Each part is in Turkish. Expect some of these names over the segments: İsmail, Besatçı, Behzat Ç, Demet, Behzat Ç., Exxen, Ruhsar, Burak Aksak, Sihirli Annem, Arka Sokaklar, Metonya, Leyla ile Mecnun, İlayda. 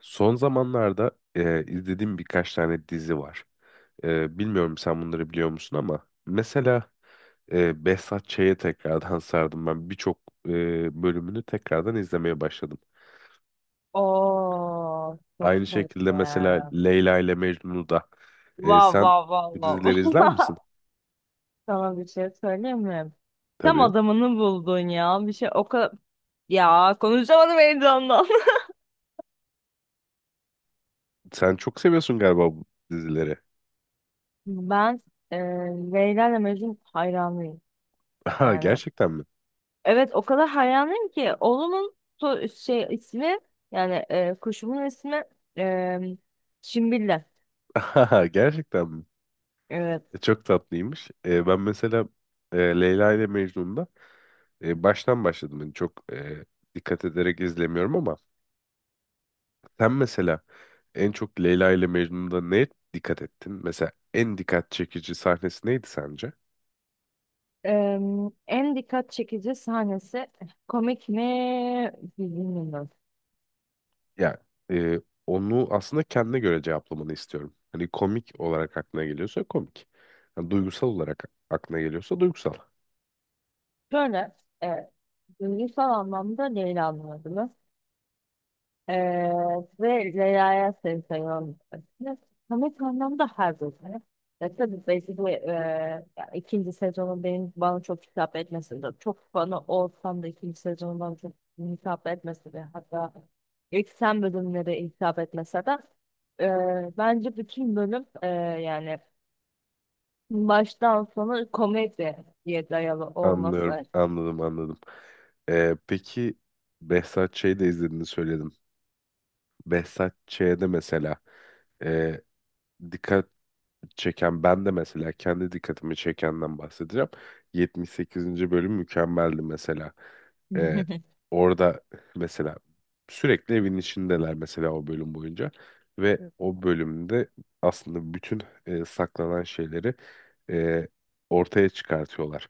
Son zamanlarda izlediğim birkaç tane dizi var. Bilmiyorum sen bunları biliyor musun ama mesela Behzat Ç'ye tekrardan sardım ben. Birçok bölümünü tekrardan izlemeye başladım. Oo, çok Aynı şekilde sevdim. mesela Leyla ile Mecnun'u da Vav sen vav vav bu vav. dizileri izler misin? Sana bir şey söyleyeyim mi? Tam Tabii. adamını buldun ya. Bir şey o kadar... Ya konuşamadım heyecandan. Sen çok seviyorsun galiba bu dizileri. Ben e, Leyla ile Mecnun hayranıyım. Aha, Yani gerçekten mi? evet o kadar hayranıyım ki oğlumun şey ismi yani kuşumun ismi e, Şimbille. Aha, gerçekten mi? Evet. Çok tatlıymış. Ben mesela Leyla ile Mecnun'da baştan başladım. Yani çok dikkat ederek izlemiyorum ama sen mesela en çok Leyla ile Mecnun'da neye dikkat ettin? Mesela en dikkat çekici sahnesi neydi sence? Eee, en dikkat çekici sahnesi komik mi bilmiyorum. Ya e, onu aslında kendine göre cevaplamanı istiyorum. Hani komik olarak aklına geliyorsa komik. Yani duygusal olarak aklına geliyorsa duygusal. Şöyle e, duygusal anlamda Leyla'nın adını eee, ve Leyla'ya seni seviyorum demesini. Komik anlamda her bölümü. Tabii belki bu ya ikinci sezonun benim bana çok hitap etmesi de çok fanı olsam da ikinci sezonun bana çok hitap etmesi de, hatta ilk sen bölümleri hitap etmese de, bence bütün bölüm yani baştan sona komedi diye dayalı Anlıyorum, olması. anladım, anladım. Peki Behzat Ç'yi de izlediğini söyledin. Behzat Ç'de mesela e, dikkat çeken ben de mesela kendi dikkatimi çekenden bahsedeceğim. 78. bölüm mükemmeldi mesela. E, Orada mesela sürekli evin içindeler mesela o bölüm boyunca ve o bölümde aslında bütün saklanan şeyleri e, ortaya çıkartıyorlar.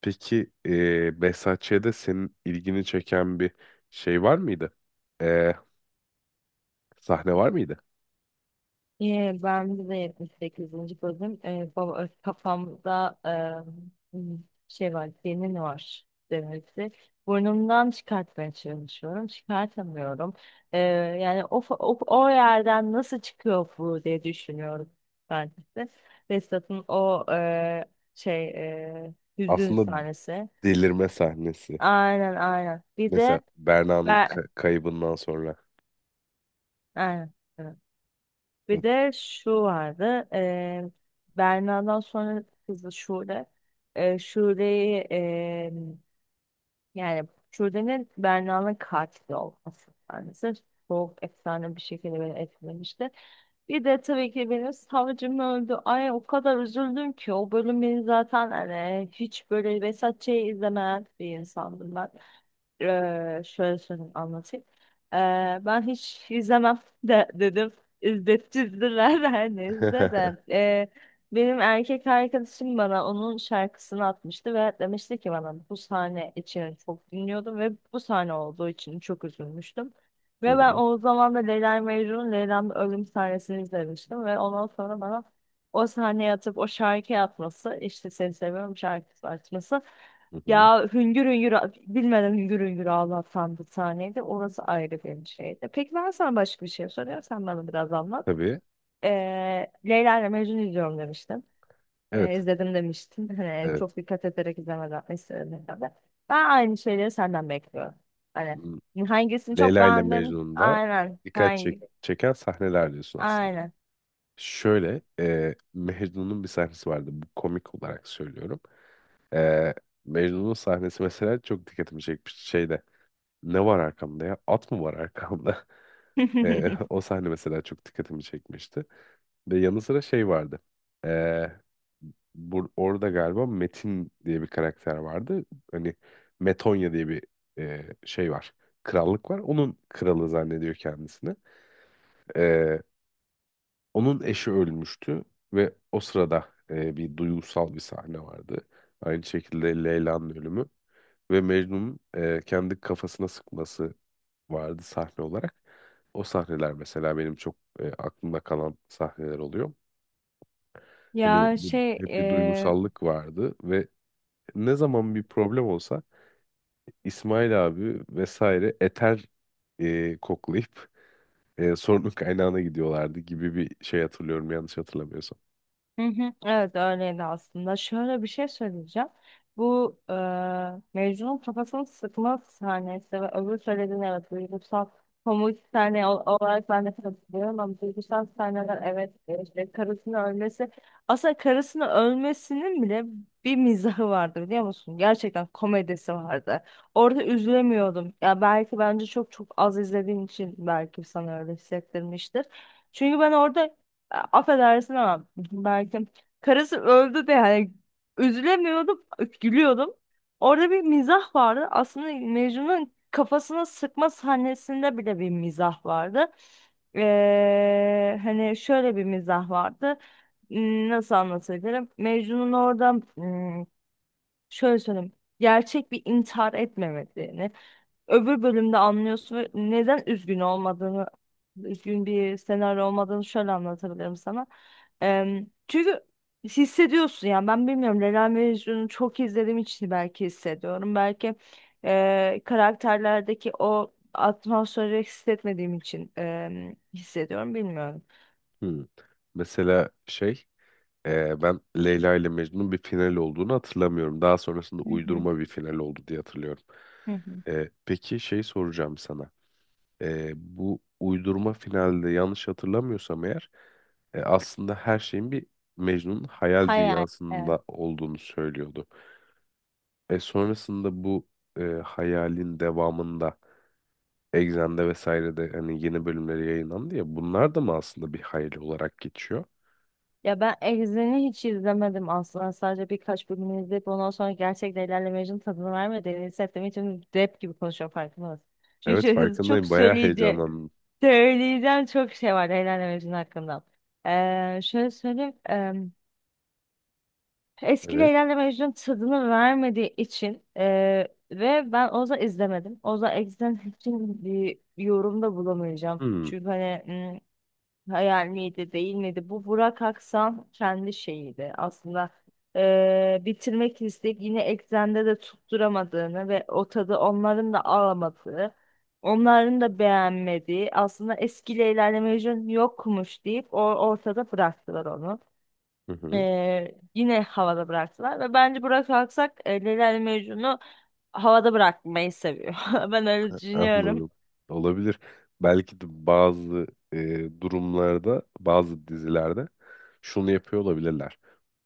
Peki Behzat Ç'de senin ilgini çeken bir şey var mıydı? E, Sahne var mıydı? Ben de 78. bölüm, baba, kafamda e, şey var senin var demesi. Burnumdan çıkartmaya çalışıyorum. Çıkartamıyorum. Ee, yani o yerden nasıl çıkıyor bu diye düşünüyorum ben de. Vestat'ın o şey hüzün Aslında sahnesi. delirme sahnesi. Aynen, aynen. Bir de Mesela Berna'nın ben, kaybından sonra. aynen. Evet. Bir Hı de şu vardı. Berna'dan sonra kızı Şule. Şule'yi, yani Şule'nin Berna'nın katili olması. Yani sırf soğuk efsane bir şekilde beni etkilemişti. Bir de tabii ki benim savcım öldü. Ay o kadar üzüldüm ki, o bölüm beni zaten hani hiç böyle Vesat Ç'yi izlemeyen bir insandım ben. Şöyle söyleyeyim, anlatayım. Ee, ben hiç izlemem de dedim. İzlettirdiler her neyse hı. de. Benim erkek arkadaşım bana onun şarkısını atmıştı ve demişti ki, bana bu sahne için çok dinliyordum ve bu sahne olduğu için çok üzülmüştüm. Hı Ve ben hı, o zaman da Leyla Mecnun'un, Leyla'nın ölüm sahnesini izlemiştim ve ondan sonra bana o sahneye atıp o şarkıyı atması, işte seni seviyorum şarkısı atması hı hı. ya, hüngür hüngür, bilmeden hüngür hüngür ağlatan bir sahneydi. Orası ayrı bir şeydi. Peki, ben sana başka bir şey soruyorum. Sen bana biraz anlat. Tabii. Leyla ile Mecnun izliyorum demiştin. Evet. İzledim demiştin. Hani Evet. çok dikkat ederek izlemeden istedim. Ben aynı şeyleri senden bekliyorum. Hani M- hangisini çok Leyla ile beğendin? Mecnun'da Aynen. Hangi? çeken sahneler diyorsun aslında. Aynen. Şöyle Mecnun'un bir sahnesi vardı. Bu komik olarak söylüyorum. E, Mecnun'un sahnesi mesela çok dikkatimi çekmişti. Şeyde ne var arkamda ya? At mı var arkamda? O sahne mesela çok dikkatimi çekmişti. Ve yanı sıra şey vardı. Ee, Bur orada galiba Metin diye bir karakter vardı. Hani Metonya diye bir şey var. Krallık var. Onun kralı zannediyor kendisini. Ee, Onun eşi ölmüştü ve o sırada bir duygusal bir sahne vardı. Aynı şekilde Leyla'nın ölümü ve Mecnun'un kendi kafasına sıkması vardı sahne olarak. O sahneler mesela benim çok aklımda kalan sahneler oluyor. Hani Ya bir- şey, Hep bir duygusallık vardı ve ne zaman bir problem olsa İsmail abi vesaire eter koklayıp sorunun kaynağına gidiyorlardı gibi bir şey hatırlıyorum yanlış hatırlamıyorsam. hı hı, evet öyleydi aslında. Şöyle bir şey söyleyeceğim. Bu Mecnun'un kafasını sıkma sahnesi ve öbür söylediğin, evet, duygusal komik sahne olarak ben de katılıyorum, ama duygusal sahneler, evet, işte karısının ölmesi, aslında karısının ölmesinin bile bir mizahı vardı biliyor musun? Gerçekten komedisi vardı. Orada üzülemiyordum. Ya belki, bence çok çok az izlediğin için belki sana öyle hissettirmiştir. Çünkü ben orada, affedersin ama, belki karısı öldü de, yani üzülemiyordum, gülüyordum. Orada bir mizah vardı. Aslında Mecnun'un kafasına sıkma sahnesinde bile bir mizah vardı. Hani şöyle bir mizah vardı. Nasıl anlatabilirim? Mecnun orada, şöyle söyleyeyim. Gerçek bir intihar etmemediğini öbür bölümde anlıyorsun, ve neden üzgün olmadığını, üzgün bir senaryo olmadığını şöyle anlatabilirim sana. Çünkü hissediyorsun, yani ben bilmiyorum, Leyla Mecnun'u çok izlediğim için belki hissediyorum. Belki karakterlerdeki o atmosferi hissetmediğim için hissediyorum, bilmiyorum. Hmm. Mesela ben Leyla ile Mecnun'un bir final olduğunu hatırlamıyorum. Daha sonrasında Hı hı, uydurma bir final oldu diye hatırlıyorum. hı hı. Peki şey soracağım sana. Bu uydurma finalde yanlış hatırlamıyorsam eğer aslında her şeyin bir Mecnun'un hayal Hayal. Evet. dünyasında olduğunu söylüyordu. Sonrasında bu hayalin devamında Exxen'de vesairede hani yeni bölümleri yayınlandı ya bunlar da mı aslında bir hayal olarak geçiyor? Ya ben Exxen'i hiç izlemedim aslında. Sadece birkaç bölümünü izleyip ondan sonra gerçekten Leyla ile tadını vermediğini hissettiğim için rap gibi konuşuyorum, farkında mısın? Çünkü Evet çok hızlı çok farkındayım bayağı söyleyeceğim. heyecanlandım. Söyleyeceğim çok şey var Leyla ile Mecnun hakkında. Şöyle söyleyeyim. Eski Evet. Leyla ile Mecnun tadını vermediği için ve ben Oza izlemedim. Oza Exxen için bir yorumda bulamayacağım. Hmm, Çünkü hani, hayal miydi, değil miydi? Bu Burak Aksan kendi şeyiydi aslında. Bitirmek isteyip yine eksende de tutturamadığını ve o tadı onların da alamadığı, onların da beğenmediği, aslında eskiyle ilerleme vizyonu yokmuş deyip, o ortada bıraktılar onu. hı hı. Yine havada bıraktılar ve bence Burak Aksak, Leyla ile Mecnun'u havada bırakmayı seviyor. Ben öyle düşünüyorum. Anladım. Olabilir. Belki de bazı durumlarda bazı dizilerde şunu yapıyor olabilirler.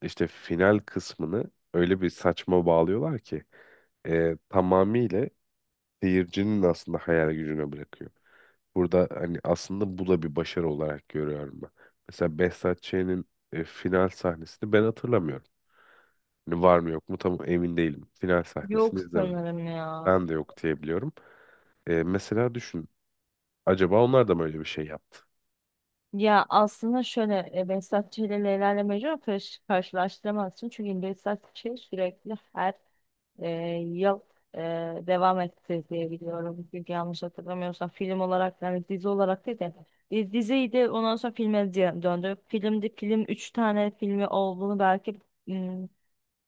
İşte final kısmını öyle bir saçma bağlıyorlar ki tamamıyla seyircinin aslında hayal gücüne bırakıyor. Burada hani aslında bu da bir başarı olarak görüyorum ben. Mesela Behzat Ç'nin final sahnesini ben hatırlamıyorum. Hani var mı yok mu tam emin değilim. Final sahnesini Yok, izlemedim. sanırım ya. Ben de yok diyebiliyorum. Mesela düşün. Acaba onlar da mı öyle bir şey yaptı? Ya aslında şöyle, Behzat Ç. ile Leyla ile Mecnun'u karşılaştıramazsın. Çünkü Behzat Ç. sürekli her e, yıl e, devam etti diye biliyorum. Çünkü yanlış hatırlamıyorsam, film olarak, yani dizi olarak değil de, diziydi, ondan sonra filme döndü. Filmdi, film 3 tane filmi olduğunu, belki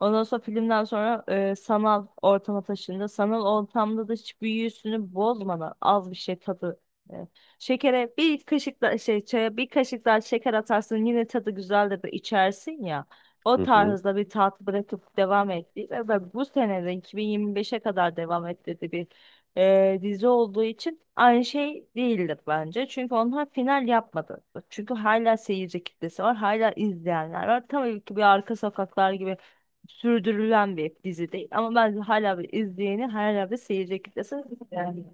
ondan sonra, filmden sonra sanal ortama taşındı. Sanal ortamda da hiç büyüsünü bozmadan az bir şey tadı. e, Şekere bir kaşık da şey, çaya bir kaşık daha şeker atarsın, yine tadı güzeldir de içersin ya. O Hı hı. tarzda bir tat bırakıp devam etti ve ben bu seneden 2025'e kadar devam etti bir dizi olduğu için aynı şey değildir bence. Çünkü onlar final yapmadı. Çünkü hala seyirci kitlesi var, hala izleyenler var. Tabii ki bir Arka Sokaklar gibi sürdürülen bir dizi değil. Ama bence hala bir izleyeni, hala bir seyirci kitlesi. Yani.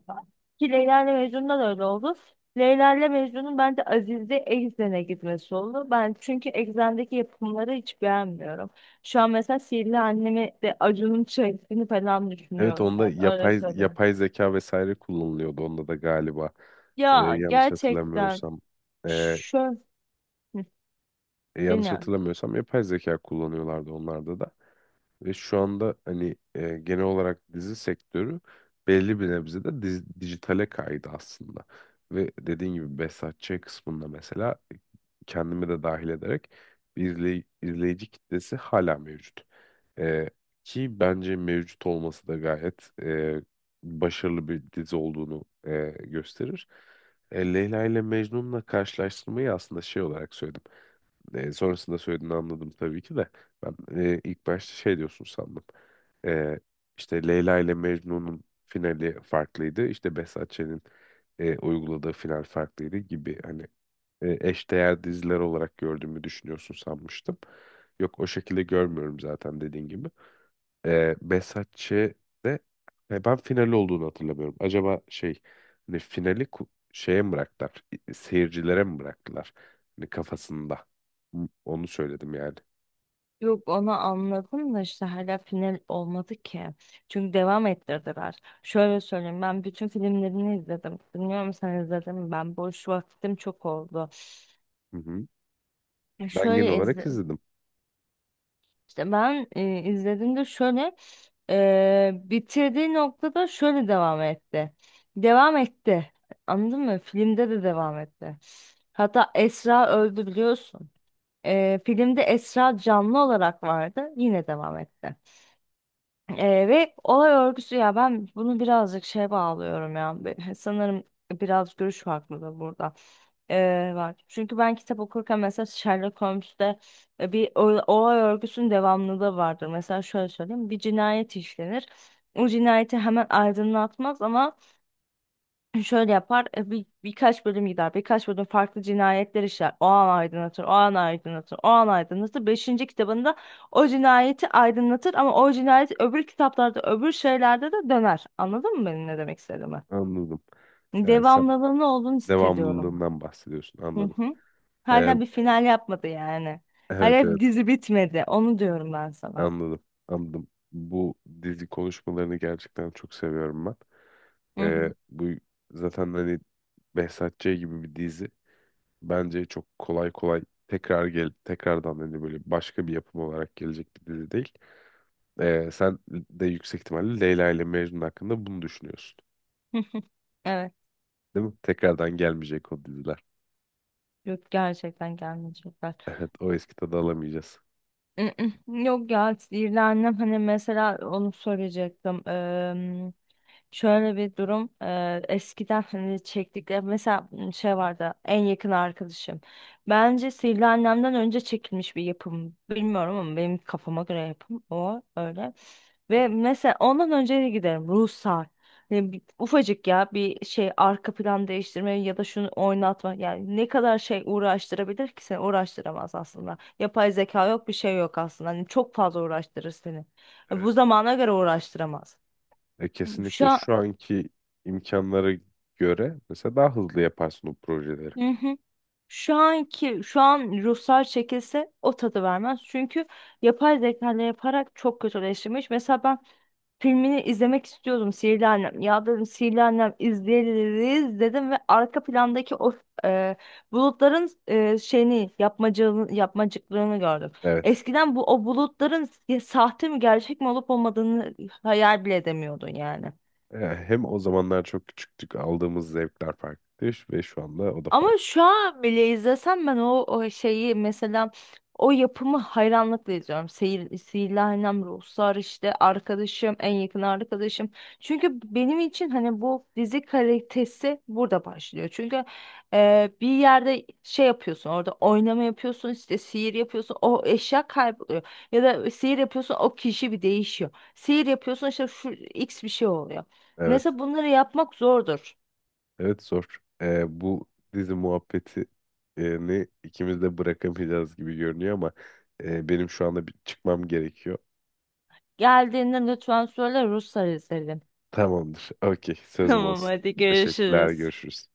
Ki Leyla ile Mecnun'da da öyle oldu. Leyla ile Mecnun'un bence Aziz'de Exxen'e gitmesi oldu. Ben çünkü Exxen'deki yapımları hiç beğenmiyorum. Şu an mesela Sihirli Annemi de Acun'un çektiğini falan Evet düşünüyorum. onda Yani öyle söyleyeyim. yapay zeka vesaire kullanılıyordu. Onda da galiba e, Ya yanlış gerçekten hatırlamıyorsam e, şöyle, yanlış bilmiyorum. hatırlamıyorsam yapay zeka kullanıyorlardı onlarda da. Ve şu anda hani genel olarak dizi sektörü belli bir nebzede dijitale kaydı aslında. Ve dediğin gibi Behzat Ç. kısmında mesela kendimi de dahil ederek bir izleyici kitlesi hala mevcut. E, Ki bence mevcut olması da gayet başarılı bir dizi olduğunu gösterir. Leyla ile Mecnun'la karşılaştırmayı aslında şey olarak söyledim. Sonrasında söylediğini anladım tabii ki de. Ben ilk başta şey diyorsun sandım. E, işte Leyla ile Mecnun'un finali farklıydı. İşte Behzat Ç'nin uyguladığı final farklıydı gibi hani eşdeğer diziler olarak gördüğümü düşünüyorsun sanmıştım. Yok o şekilde görmüyorum zaten dediğin gibi. Besatçı'de ben finali olduğunu hatırlamıyorum. Acaba şey hani şeye mi bıraktılar? Seyircilere mi bıraktılar? Hani kafasında. Hı, onu söyledim yani. Yok, onu anladım, da işte hala final olmadı ki. Çünkü devam ettirdiler. Şöyle söyleyeyim, ben bütün filmlerini izledim. Bilmiyorum sen izledin mi? Ben boş vaktim çok oldu. Hı hı. Ya Ben genel şöyle olarak izledim. izledim. İşte ben izlediğimde şöyle bitirdiği noktada şöyle devam etti. Devam etti. Anladın mı? Filmde de devam etti. Hatta Esra öldü, biliyorsun. Filmde Esra canlı olarak vardı. Yine devam etti. Ve olay örgüsü, ya ben bunu birazcık şeye bağlıyorum ya. Sanırım biraz görüş farklı da burada. Var. Çünkü ben kitap okurken mesela Sherlock Holmes'te bir olay örgüsünün devamlılığı vardır. Mesela şöyle söyleyeyim. Bir cinayet işlenir. O cinayeti hemen aydınlatmaz ama şöyle yapar, birkaç bölüm gider, birkaç bölüm farklı cinayetler işler, o an aydınlatır, o an aydınlatır, o an aydınlatır, beşinci kitabında o cinayeti aydınlatır, ama o cinayet öbür kitaplarda, öbür şeylerde de döner. Anladın mı benim ne demek istediğimi? Anladım. Sen Devamlılığını olduğunu hissediyorum. devamlılığından bahsediyorsun. Hı Anladım. hı. E, Hala bir final yapmadı yani, evet hala bir evet. dizi bitmedi, onu diyorum ben sana. Anladım. Anladım. Bu dizi konuşmalarını gerçekten çok seviyorum ben. Hı hı. Bu zaten hani Behzat Ç. gibi bir dizi. Bence çok kolay kolay tekrardan hani böyle başka bir yapım olarak gelecek bir dizi değil. Sen de yüksek ihtimalle Leyla ile Mecnun hakkında bunu düşünüyorsun. Evet, Değil mi? Tekrardan gelmeyecek o diziler. yok, gerçekten gelmeyecek. Evet, o eski tadı alamayacağız. Mm, mm. Yok ya, sinirlendim hani, mesela onu söyleyecektim. Şöyle bir durum, eskiden hani çektikleri, mesela şey vardı, En Yakın Arkadaşım. Bence Sihirli Annem'den önce çekilmiş bir yapım. Bilmiyorum ama benim kafama göre yapım o öyle. Evet. Ve mesela ondan önce de giderim Ruhsar. Yani, ufacık ya bir şey, arka plan değiştirme ya da şunu oynatma. Yani ne kadar şey uğraştırabilir ki, seni uğraştıramaz aslında. Yapay zeka yok, bir şey yok aslında. Hani çok fazla uğraştırır seni. Evet. Bu zamana göre uğraştıramaz. Şu Kesinlikle an. şu anki imkanlara göre mesela daha hızlı yaparsın o projeleri. Hı hı. Şu an Ruhsar çekilse o tadı vermez. Çünkü yapay zeka ile yaparak çok kötüleştirmiş. Mesela ben filmini izlemek istiyordum, Sihirli Annem. Ya dedim Sihirli Annem izleriz dedim, ve arka plandaki o e, bulutların şeyini, yapmacığını, yapmacıklığını gördüm. Evet. Eskiden bu, o bulutların ya sahte mi gerçek mi olup olmadığını hayal bile edemiyordun yani. Hem o zamanlar çok küçüktük, aldığımız zevkler farklıydı ve şu anda o da Ama farklı. şu an bile izlesem ben o şeyi, mesela o yapımı hayranlıkla izliyorum. Seyir, Sihirli Annem, Ruhsar, işte Arkadaşım, En Yakın Arkadaşım. Çünkü benim için hani bu dizi kalitesi burada başlıyor. Çünkü bir yerde şey yapıyorsun, orada oynama yapıyorsun, işte sihir yapıyorsun, o eşya kayboluyor. Ya da sihir yapıyorsun, o kişi bir değişiyor. Sihir yapıyorsun, işte şu X bir şey oluyor. Evet. Mesela bunları yapmak zordur. Evet zor. Bu dizi muhabbeti e, ne ikimiz de bırakamayacağız gibi görünüyor ama benim şu anda bir çıkmam gerekiyor. Geldiğinde lütfen söyle, Ruslar izledim. Tamamdır. Okey, sözüm Tamam, olsun. hadi Teşekkürler, görüşürüz. görüşürüz.